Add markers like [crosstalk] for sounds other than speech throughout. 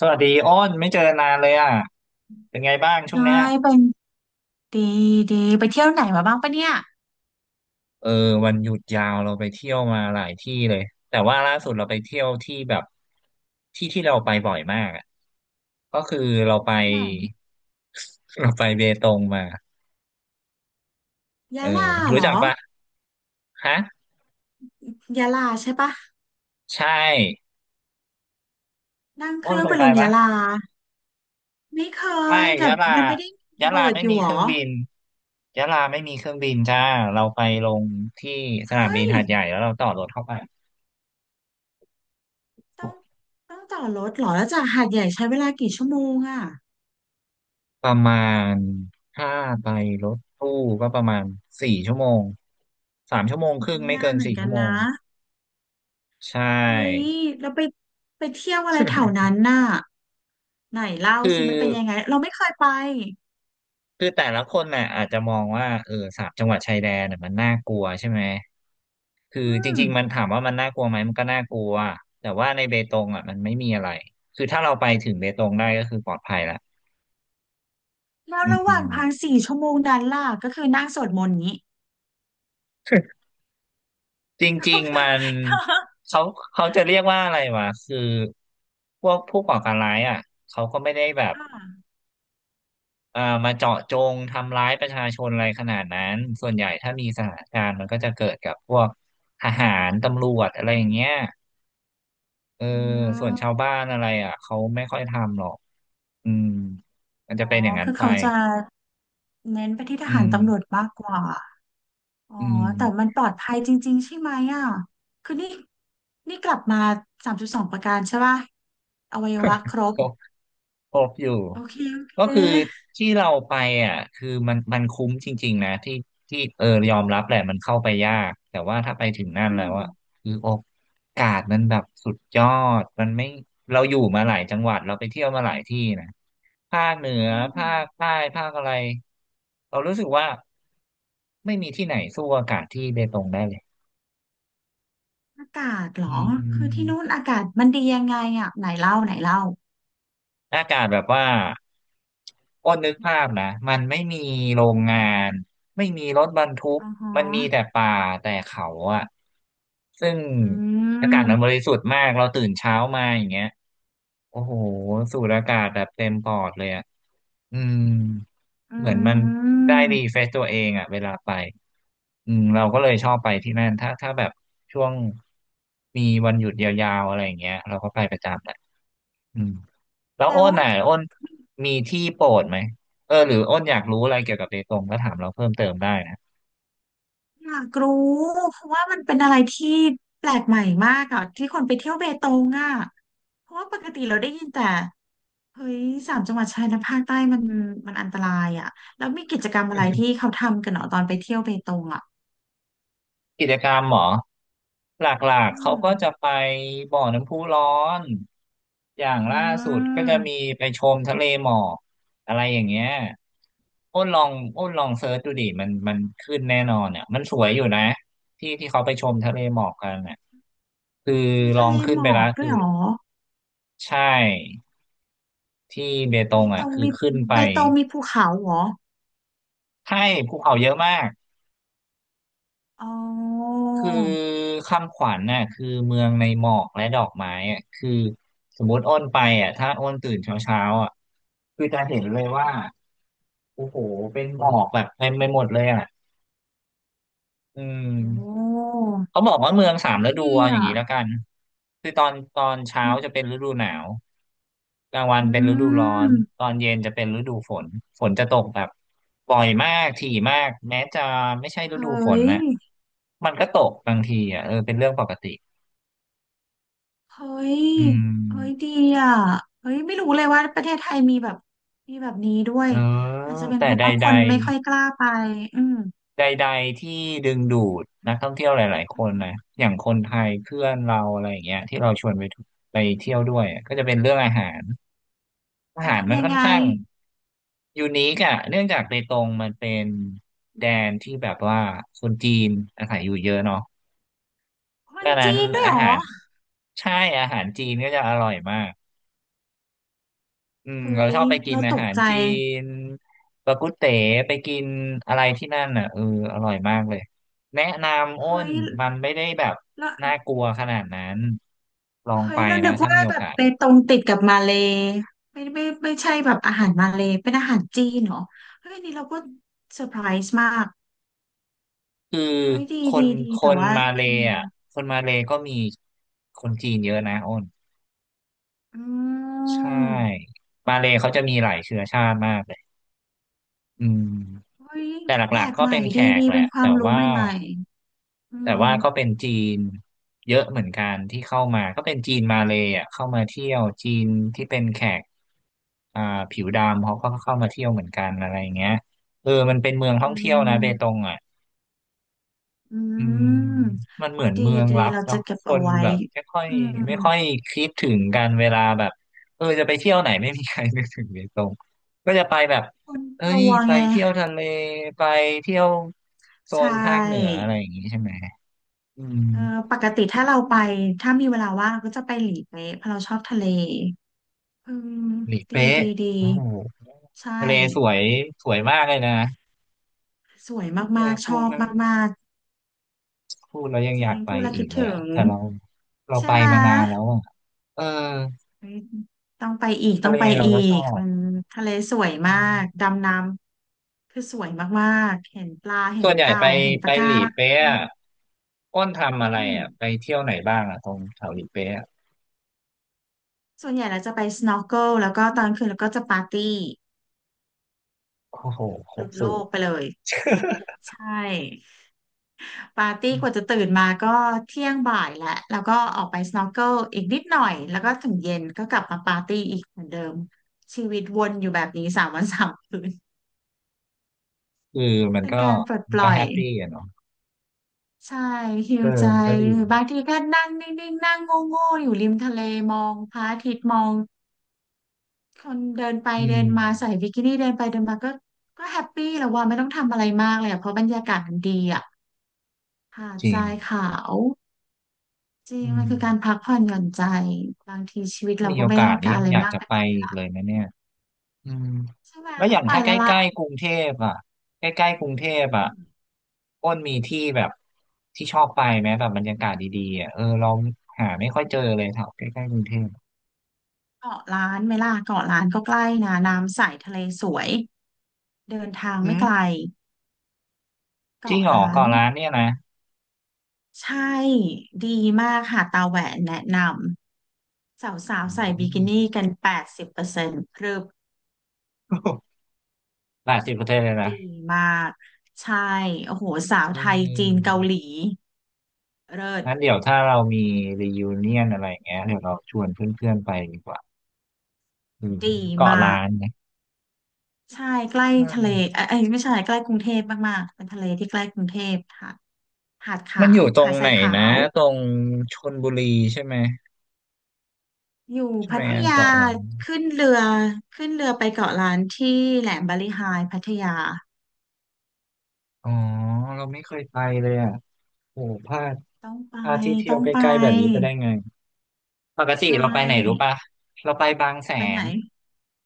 สวัสดีอ้นไม่เจอนานเลยอ่ะเป็นไงบ้างช่วงใช่เนี้ยเป็นดีดีไปเที่ยวไหนมาบ้างปะเนี่ยเออวันหยุดยาวเราไปเที่ยวมาหลายที่เลยแต่ว่าล่าสุดเราไปเที่ยวที่แบบที่ที่เราไปบ่อยมากอะก็คือเราไป ที่ไหน [laughs] เราไปเบตงมาเอยะอลารู้เหรจัอกปะฮะยะลาใช่ปะใช่นั่งเคอ้นรื่องเคไปยไปลงปะยะลาไม่เคไม่ยแต่ยะลามันไม่ได้มียะระลาเบิดไม่อยู่มีหรเคอรื่องบินยะลาไม่มีเครื่องบินจ้าเราไปลงที่สนามเฮ้บินยหาดใหญ่แล้วเราต่อรถเข้าไป ต้องต้องต่อรถเหรอแล้วจากหาดใหญ่ใช้เวลากี่ชั่วโมงอ่ะประมาณถ้าไปรถตู้ก็ประมาณสี่ชั่วโมงสามชั่วโมงครึ่งอุ้ยไม่นาเกินนเหมือสี่นกัชั่นวโมงนะใชเฮ้ย่ แล้วไปไปเที่ยวอะไรแถว [laughs] นั้นน่ะไหนเล่าคือสิมันเป็นยังไงเราไม่เคยไปคือแต่ละคนน่ะอาจจะมองว่าเออสามจังหวัดชายแดนน่ะมันน่ากลัวใช่ไหมคืออืจมริงๆมันถามว่ามันน่ากลัวไหมมันก็น่ากลัวแต่ว่าในเบตงอ่ะมันไม่มีอะไรคือถ้าเราไปถึงเบตงได้ก็คือปลอดภัยละแล้วอืระหว่างม ทางสี่ชั่วโมงนั้นล่ะก็คือนั่งสวดมนต์อย่างนี้ จ [laughs] ริก็งๆคืมัอ นเขาเขาจะเรียกว่าอะไรวะคือพวกผู้ก่อการร้ายอ่ะเขาก็ไม่ได้แบบค่ะมาเจาะจงทำร้ายประชาชนอะไรขนาดนั้นส่วนใหญ่ถ้ามีสถานการณ์มันก็จะเกิดกับพวกทหารตำรวจอะไรอย่างเงี้ยเอออืส่วนชาวมบ้านอะไรอ่ะเขาไม่ค่อยทำหรอกอืมมันจะอ๋อ เป็นอย่างนั้นคือไปเขาจะเน้นไปที่ทอืหารมตำรวจมากกว่า อ๋อ อืแต่มันม ปลอดภัยจริงๆ ใช่ไหมอ่ะ คือนี่กลับมาสามจุดสองประการใช่ป่ะอวัยวะครบครบอยู่โอเคโอเค ก็คือที่เราไปอ่ะคือมันคุ้มจริงๆนะที่ที่เออยอมรับแหละมันเข้าไปยากแต่ว่าถ้าไปถึงนั่นอืแล้วมอ่ะคือโอกาสมันแบบสุดยอดมันไม่เราอยู่มาหลายจังหวัดเราไปเที่ยวมาหลายที่นะภาคเหนืออืภามคใต้ภาคอะไรเรารู้สึกว่าไม่มีที่ไหนสู้อากาศที่เบตงได้เลยอากาศเหรอือ คือที่นู่นม อากาศมันดียังไงอ่ะไหนเล่าไหนเล่า อากาศแบบว่าอ้นนึกภาพนะมันไม่มีโรงงานไม่มีรถบรรทุกอ๋อฮะมันมีแต่ป่าแต่เขาอะซึ่งอือากาศม มันบริสุทธิ์มากเราตื่นเช้ามาอย่างเงี้ยโอ้โหสูดอากาศแบบเต็มปอดเลยอะอืมอืเหมือนมันได้รีเฟม รชตัวเองอะเวลาไปอืมเราก็เลยชอบไปที่นั่นถ้าแบบช่วงมีวันหยุดยาวๆอะไรอย่างเงี้ยเราก็ไปประจำแหละอืม แล้วแล้อ้ว นอ่ะอ้นมีที่โปรดไหมเออหรืออ้นอยากรู้อะไรเกี่ยวกับเบตงก็ถามเราเพิ่มเติมได้นะอยากรู้เพราะว่ามันเป็นอะไรที่แปลกใหม่มากอ่ะที่คนไปเที่ยวเบตงอ่ะเพราะว่าปกติเราได้ยินแต่เฮ้ยสามจังหวัดชายแดนภาคใต้มันอันตรายอ่ะแล้วมีกิจกรรมอะไรที่เขาทำกันเหรอตอนไปเที่ยวเบตงอ่ะกิจกรรมเหรอหลักอืๆเขามก็จะไปบ่อน้ำพุร้อนอย่างอืล่าสุดก็จะมีมไปชมทะเลหมอกอะไรอย่างเงี้ยอ้นลองอ้นลองเซิร์ชดูดิมันขึ้นแน่นอนเนี่ยมันสวยอยู่นะที่ที่เขาไปชมทะเลหมอกกันอ่ะคือมีลอทะเลงขึ้หนมไปอแล้วกด้คืวอยเหรอใช่ที่เบตเบงตอ่ะงคือมีขึ้นไป เบตงมีภูเขาเหรอใช่ภูเขาเยอะมากอ๋อคือคำขวัญน่ะคือเมืองในหมอกและดอกไม้อ่ะคือสมมติอ้นไปอ่ะถ้าอ้นตื่นเช้าเช้าอ่ะคือจะเห็นเลยว่าโอ้โหเป็นหมอกแบบเต็มไปหมดเลยอ่ะอืโอม ้เขาบอกว่าเมืองสามเฮ้ฤยดูดีเอาอย่างอ่ะนี้แล้วกันคือตอนเช้าอืมจะเป็นฤดูหนาวกลางวันอืเป็นฤดูร้อนมตอนเย็นจะเป็นฤดูฝนฝนจะตกแบบบ่อยมากถี่มากแม้จะไม่ใช่ฤเฮ้ดูฝนย นะมันก็ตกบางทีอ่ะเออเป็นเรื่องปกติเฮ้ยอืเฮ้ยมดีอ่ะเฮ้ยไม่รู้เลยว่าประเทศไทยมีแบบมีแบบนี้ด้วยเอออาจจะเป็นแต่เพราะใดว่าคใดนไม่ค่อยกล้าไปอืมใดใดๆที่ดึงดูดนักท่องเที่ยวหลายๆคอืนนะมอย่างคนไทยเพื่อนเราอะไรอย่างเงี้ยที่เราชวนไปทุไปเที่ยวด้วยอะก็จะเป็นเรื่องอาหารอาอ่ะหารมันยังค่อนไงข้าง ยูนิคอะเนื่องจากเบตงมันเป็นแดนที่แบบว่าคนจีนอาศัยอยู่เยอะเนาะคดันงนั้นจีนด้วยอาเหรอหารใช่อาหารจีนก็จะอร่อยมากอืมเฮ้เรายชอบไปกินเราอาตกหารใจ จีนปากุเต๋ไปกินอะไรที่นั่นอ่ะเอออร่อยมากเลยแนะนำอ้เฮ้นยมันไม่ได้แบบแล้วน่ากลัวขนาดนั้นลองเฮ้ไปยเรานะนึกถ้าว่ามีโอแบบกาสไปตรงติดกับมาเลย์ไม่ไม่ไม่ใช่แบบอาหารมาเลย์เป็นอาหารจีนเหรอเฮ้ยอันนี่เราก็เซอร์ไพรส์มากคือเฮ้ยดีคนดีดีคแต่นว่ามาเลอืย์มอ่ะคนมาเลย์ก็มีคนจีนเยอะนะอ้น อืใช่ม มาเลย์เขาจะมีหลายเชื้อชาติมากเลยอืมเฮ้ยแต่หแปลลักกๆก็ใหม่เป็นแขดีกดีแหละเป็นควาแต่มรู้ว่าใหม่ๆอืแต่มว่าก็เป็นจีนเยอะเหมือนกันที่เข้ามาก็เป็นจีนมาเลย์อะเข้ามาเที่ยวจีนที่เป็นแขกอ่าผิวดำเขาก็เข้ามาเที่ยวเหมือนกันอะไรอย่างเงี้ยเออมันเป็นเมืองท่อืองเที่ยวนะเบตงมอ่ะ อือืมมมันเหมือนดีเมืองดีลับเราจะเนาะเก็บคเอานไว้แบบไม่ค่อยอืมไม่ค่อยคิดถึงกันเวลาแบบเออจะไปเที่ยวไหนไม่มีใครนึกถึงเลยตรงก็จะไปแบบคนเอ้กยลัวไปไงเที่ยวทะเลไปเที่ยวโซใช่นภาคเหนืออะไรอย่างงี้ใช่ไหมอืมเออปกติถ้าเราไปถ้ามีเวลาว่างก็จะไปหลีเป๊ะเพราะเราชอบทะเลอืมหลีดีเป๊ะดีดีโอ้โหใช่ทะเลสวยสวยมากเลยนะสวยเออมากๆชพูดอบแล้วมากยังๆจอริยางกไปพูดแล้วอีคิกดเลยถึอ่ะงแต่เราใช่ไปไหม มานานแล้วอ่ะเออเฮ้ยทะต้องเลไปเราอีก็ชอกบ มันทะเลสวยมากดำน้ำคือสวยมากๆเห็นปลาเห็ส่นวนใหญ่เต่าไปเห็นปะกาหลีรัเป๊ะงอะอ้นทำอะไรอืมอ่ะไปเที่ยวไหนบ้างอ่ะตรงแถวหลีเป๊ะอะส่วนใหญ่เราจะไป snorkel แล้วก็ตอนคืนแล้วก็จะปาร์ตี้โอ้โหคหรลุบดโลสูตกร ไปเลยใช่ปาร์ตี้กว่าจะ [laughs] ตื่นมาก็เที่ยงบ่ายแล้วแล้วก็ออกไป snorkel อีกนิดหน่อยแล้วก็ถึงเย็นก็กลับมาปาร์ตี้อีกเหมือนเดิมชีวิตวนอยู่แบบนี้สามวันสามคืน คือมั [laughs] นเป็นก็การปลดปล่อแฮย ปปี้อะเนาะใช่ฮิเอลอใจมันก็ดีหรือบางทีก็นั่งนิ่งๆนั่งโง่ๆอยู่ริมทะเลมองพระอาทิตย์มองคนเดินไปอืเดิมนมาใส่บิกินี่เดินไปเดินมาก็ก็แฮปปี้แล้วว่าไม่ต้องทำอะไรมากเลยอะเพราะบรรยากาศมันดีอ่ะหาดจริทงรายขาวจริงอืมันคือการมพักผ่อนหย่อนใจบางทีชีวิตเรามีก็โอไม่ได้กาสต้องนี้การยัอะงไรอยากมากจะไปไปกว่านี้อีกเลยละนะเนี่ยอืมใช่ไหมแล้วอต้องย่างไปถ้าใกแล้วล่ะล้ๆกรุงเทพอ่ะใกล้ๆกรุงเทพอ่ะอืมอ้นมีที่แบบที่ชอบไปไหมแบบบรรยากาศดีๆอ่ะเออเราหาไม่ค่อยเจอเลยแถวใกล้ๆกรุงเทพเกาะล้านไหมล่ะเกาะล้านก็ใกล้นะน้ำใสทะเลสวยเดินทางอืไม่ไกลม จริงเกาะเหรอล้าน เกาะล้านเนี่ยนะใช่ ดีมากค่ะตาแหวนแนะนำสาวอืๆใส่บิกิม นี่กันแปดสิบเปอร์เซ็นต์พรึบ [laughs] หลายสิบประเทศเลยนะดีมาก ใช่ โอ้โหสาวอืไทยจีนเกามหลีเลิศงั้นเดี๋ยวถ้าเรามีรียูเนียนอะไรอย่างเงี้ยเดี๋ยวเราชวนเพื่อนๆไปดีกว่าอืมดีเกาะมาล้าก นเนี่ยใช่ใกล้อืทะเลมเอ้ยเอ้ยไม่ใช่ใกล้กรุงเทพมากๆเป็นทะเลที่ใกล้กรุงเทพค่ะหาดขามันอว ยู่ตรหางดทไหรานยขานะวตรงชลบุรีใช่ไหมอยู่พัทอะยา เกาะล้านขึ้นเรือ ขึ้นเรือไปเกาะล้านที่แหลมบาลีไฮพัทยา อ๋อเราไม่เคยไปเลยอ่ะโอ้พลาดต้องไป ที่เที่ยต้อวงใกไปล้ๆแบบนี้ไปได้ไง ปกติใช่ เราไปไหนรู้ปะเราไปบางแสไปไหนน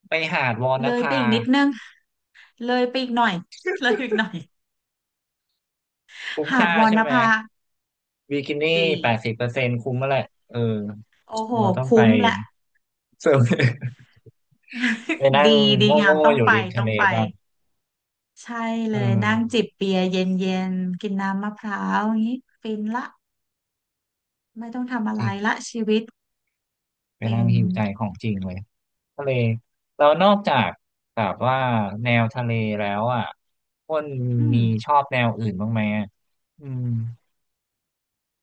ไปหาดวอนเลยไปภาอีกนิดนึงเลยไปอีกหน่อย [laughs] เลยอีกหน่อยคุ้มหาดค่าวรใช่ณไหม ภาบิกินี่ดี80%คุ้มแล้วแหละเออโอ้โหเราต้องไปคุ้มละ เสิร์ฟ [laughs] ไปนั่ [laughs] งดีโดีงามง่ต้อๆงอยู่ไปริมทะต้อเลงไปบ้างใช่เลเอยนั่งจิบอเบียร์เย็นๆกินน้ำมะพร้าวอย่างนี้ฟินละไม่ต้องทำอะจไรริงละชีวิตไปเป็นั่งนหิวใจของจริงเลยทะเลเรานอกจากแบบว่าแนวทะเลแล้วอ่ะอ้นอืมีมชอบแนวอื่นบ้างไหมอะอืม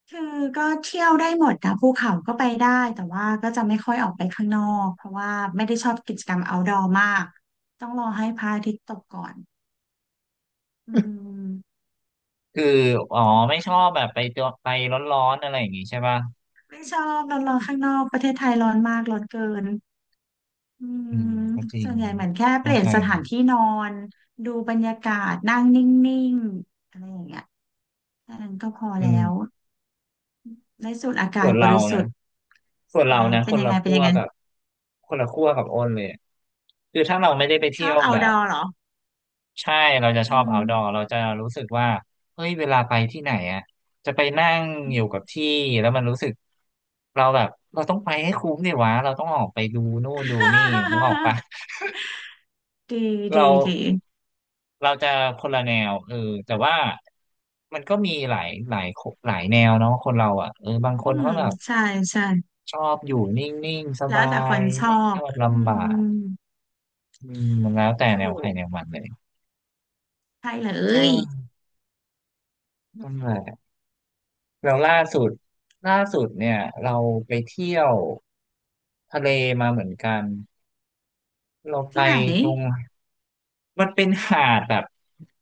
คือก็เที่ยวได้หมดนะภูเขาก็ไปได้แต่ว่าก็จะไม่ค่อยออกไปข้างนอกเพราะว่าไม่ได้ชอบกิจกรรม outdoor มากต้องรอให้พระอาทิตย์ตกก่อนอื [laughs] ม คืออ๋อไม่ชอบแบบไปตัวไปร้อนๆอะไรอย่างงี้ใช่ป่ะไม่ชอบร้อนร้อนข้างนอกประเทศไทยร้อนมากร้อนเกินอือืมมก็จริส่งวนใหญ่เหมือนแค่เปเข้าลี่ยนใจสเลถานยที่นอนดูบรรยากาศนั่งนิ่งๆอะไรอย่างเงี้ยแค่นั้นก็พออืแล้วม ได้สูดอาส่กาศวนบเราริสุนะทธิ์คเป็นนยังละไงเป็นขั้ยัวงไงกับอ้นเลยอะคือถ้าเราไม่ได้ไปชเที่อยบ วแบบ outdoor เหรอใช่เราจะชอือบ ม outdoor เราจะรู้สึกว่าเฮ้ยเวลาไปที่ไหนอ่ะจะไปนั่งอือยู่ม กับที่แล้วมันรู้สึกเราแบบเราต้องไปให้คุ้มดิวะเราต้องออกไปดูนู่นดูนี่นึกออกปะ [laughs] ดี [laughs] เราดีดีจะคนละแนวเออแต่ว่ามันก็มีหลายหลายแนวเนาะคนเราอ่ะเออบางคอืนมเขาแบบ ใช่ใช่ชอบอยู่นิ่งๆ สแล้บาวแต่คยนชอไม่ชบอบอืลำบามกอืมมันแล้วแต่แนถูวใครกแนวมันเลยใช่เลเยออนั่นแหละแล้วล่าสุดเนี่ยเราไปเที่ยวทะเลมาเหมือนกันเราไปที่ไหน ตรงมันเป็นหาดแบบ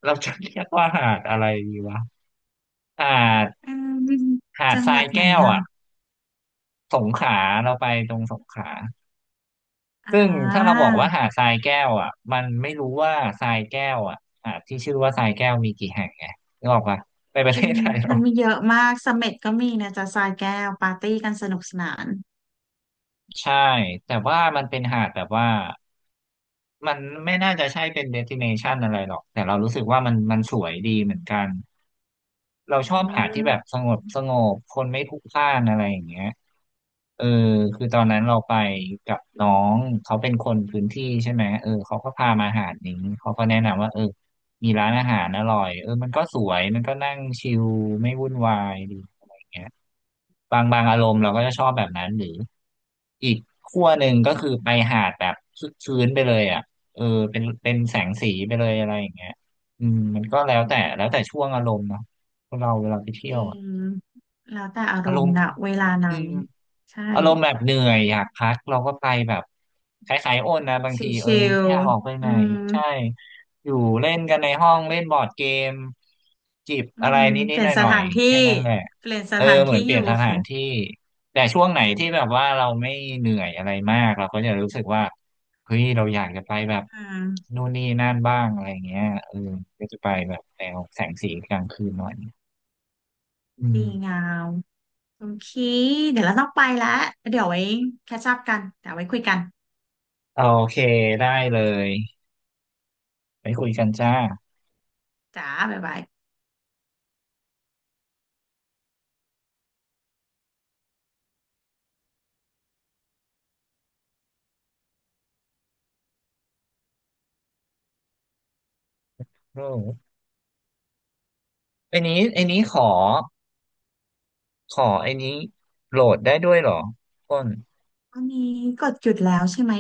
เราจะเรียกว่าหาดอะไรดีวะหาดอืมจังทหราวัยดไหนแก้วอ่ะอ่ะสงขลาเราไปตรงสงขลา อ่ซึ่งถ้าเราาบอกว่าหาดทรายแก้วอ่ะมันไม่รู้ว่าทรายแก้วอ่ะหาดที่ชื่อว่าทรายแก้วมีกี่แห่งไงนึกออกปะในประจเทริงศไทยเรามันมีเยอะมากเสม็ดก็มีนะจ๊ะทรายแก้วปาร์ตี้กันสนุกสนานใช่แต่ว่ามันเป็นหาดแบบว่ามันไม่น่าจะใช่เป็นเดสติเนชันอะไรหรอกแต่เรารู้สึกว่ามันสวยดีเหมือนกัน เราชอือบหาที่แบบสมงบคนไม่พลุกพล่านอะไรอย่างเงี้ยเออคือตอนนั้นเราไปกับน้องเขาเป็นคนพื้นที่ใช่ไหมเออเขาก็พามาหาดนี้เขาก็แนะนำว่าเออมีร้านอาหารอร่อยเออมันก็สวยมันก็นั่งชิลไม่วุ่นวายดีอะไรอย่างเงี้ยบางอารมณ์เราก็จะชอบแบบนั้นหรืออีกขั้วหนึ่งก็คือไปหาดแบบชื้นๆไปเลยอ่ะเออเป็นแสงสีไปเลยอะไรอย่างเงี้ยอืมมันก็แล้วแต่ช่วงอารมณ์เนาะ คนเราเวลาไปเที่จยวริอะงแล้วแต่อารอารมมณ์ณ์นะเวลาอืนั้นมใช่อารมณ์แบบเหนื่อยอยากพักเราก็ไปแบบคล้ายๆโนนะบางทีเออชิลไม่อยากออกไปๆไหอืนมใช่อยู่เล่นกันในห้องเล่นบอร์ดเกมจิบอือะไรมนิเปดๆลี่หยนสน่อยถานๆที่แค่นั้นแหละเปลี่ยนสเออถานเหมือที่นเปอลี่ยนยู่ สถานที่แต่ช่วงไหนที่แบบว่าเราไม่เหนื่อยอะไรมากเราก็จะรู้สึกว่าเฮ้ยเราอยากจะไปแบบ [laughs] อืมนู่นนี่นั่นบ้างอะไรเงี้ยเออก็จะไปแบบแนวแสงสีกลางคืนหน่อยอืดีม งามคุณคีเดี๋ยวเราต้องไปแล้วเดี๋ยวไว้แคชอัพกันเดี๋ยวไว้คุยกันโอเคได้เลยไปคุยกันจ้าจ้าบ๊ายบายอืมไอ้นี้ขอไอ้นี้โหลดได้ด้วยเหรอต้นวันนี้กดหยุดแล้วใช่ไหม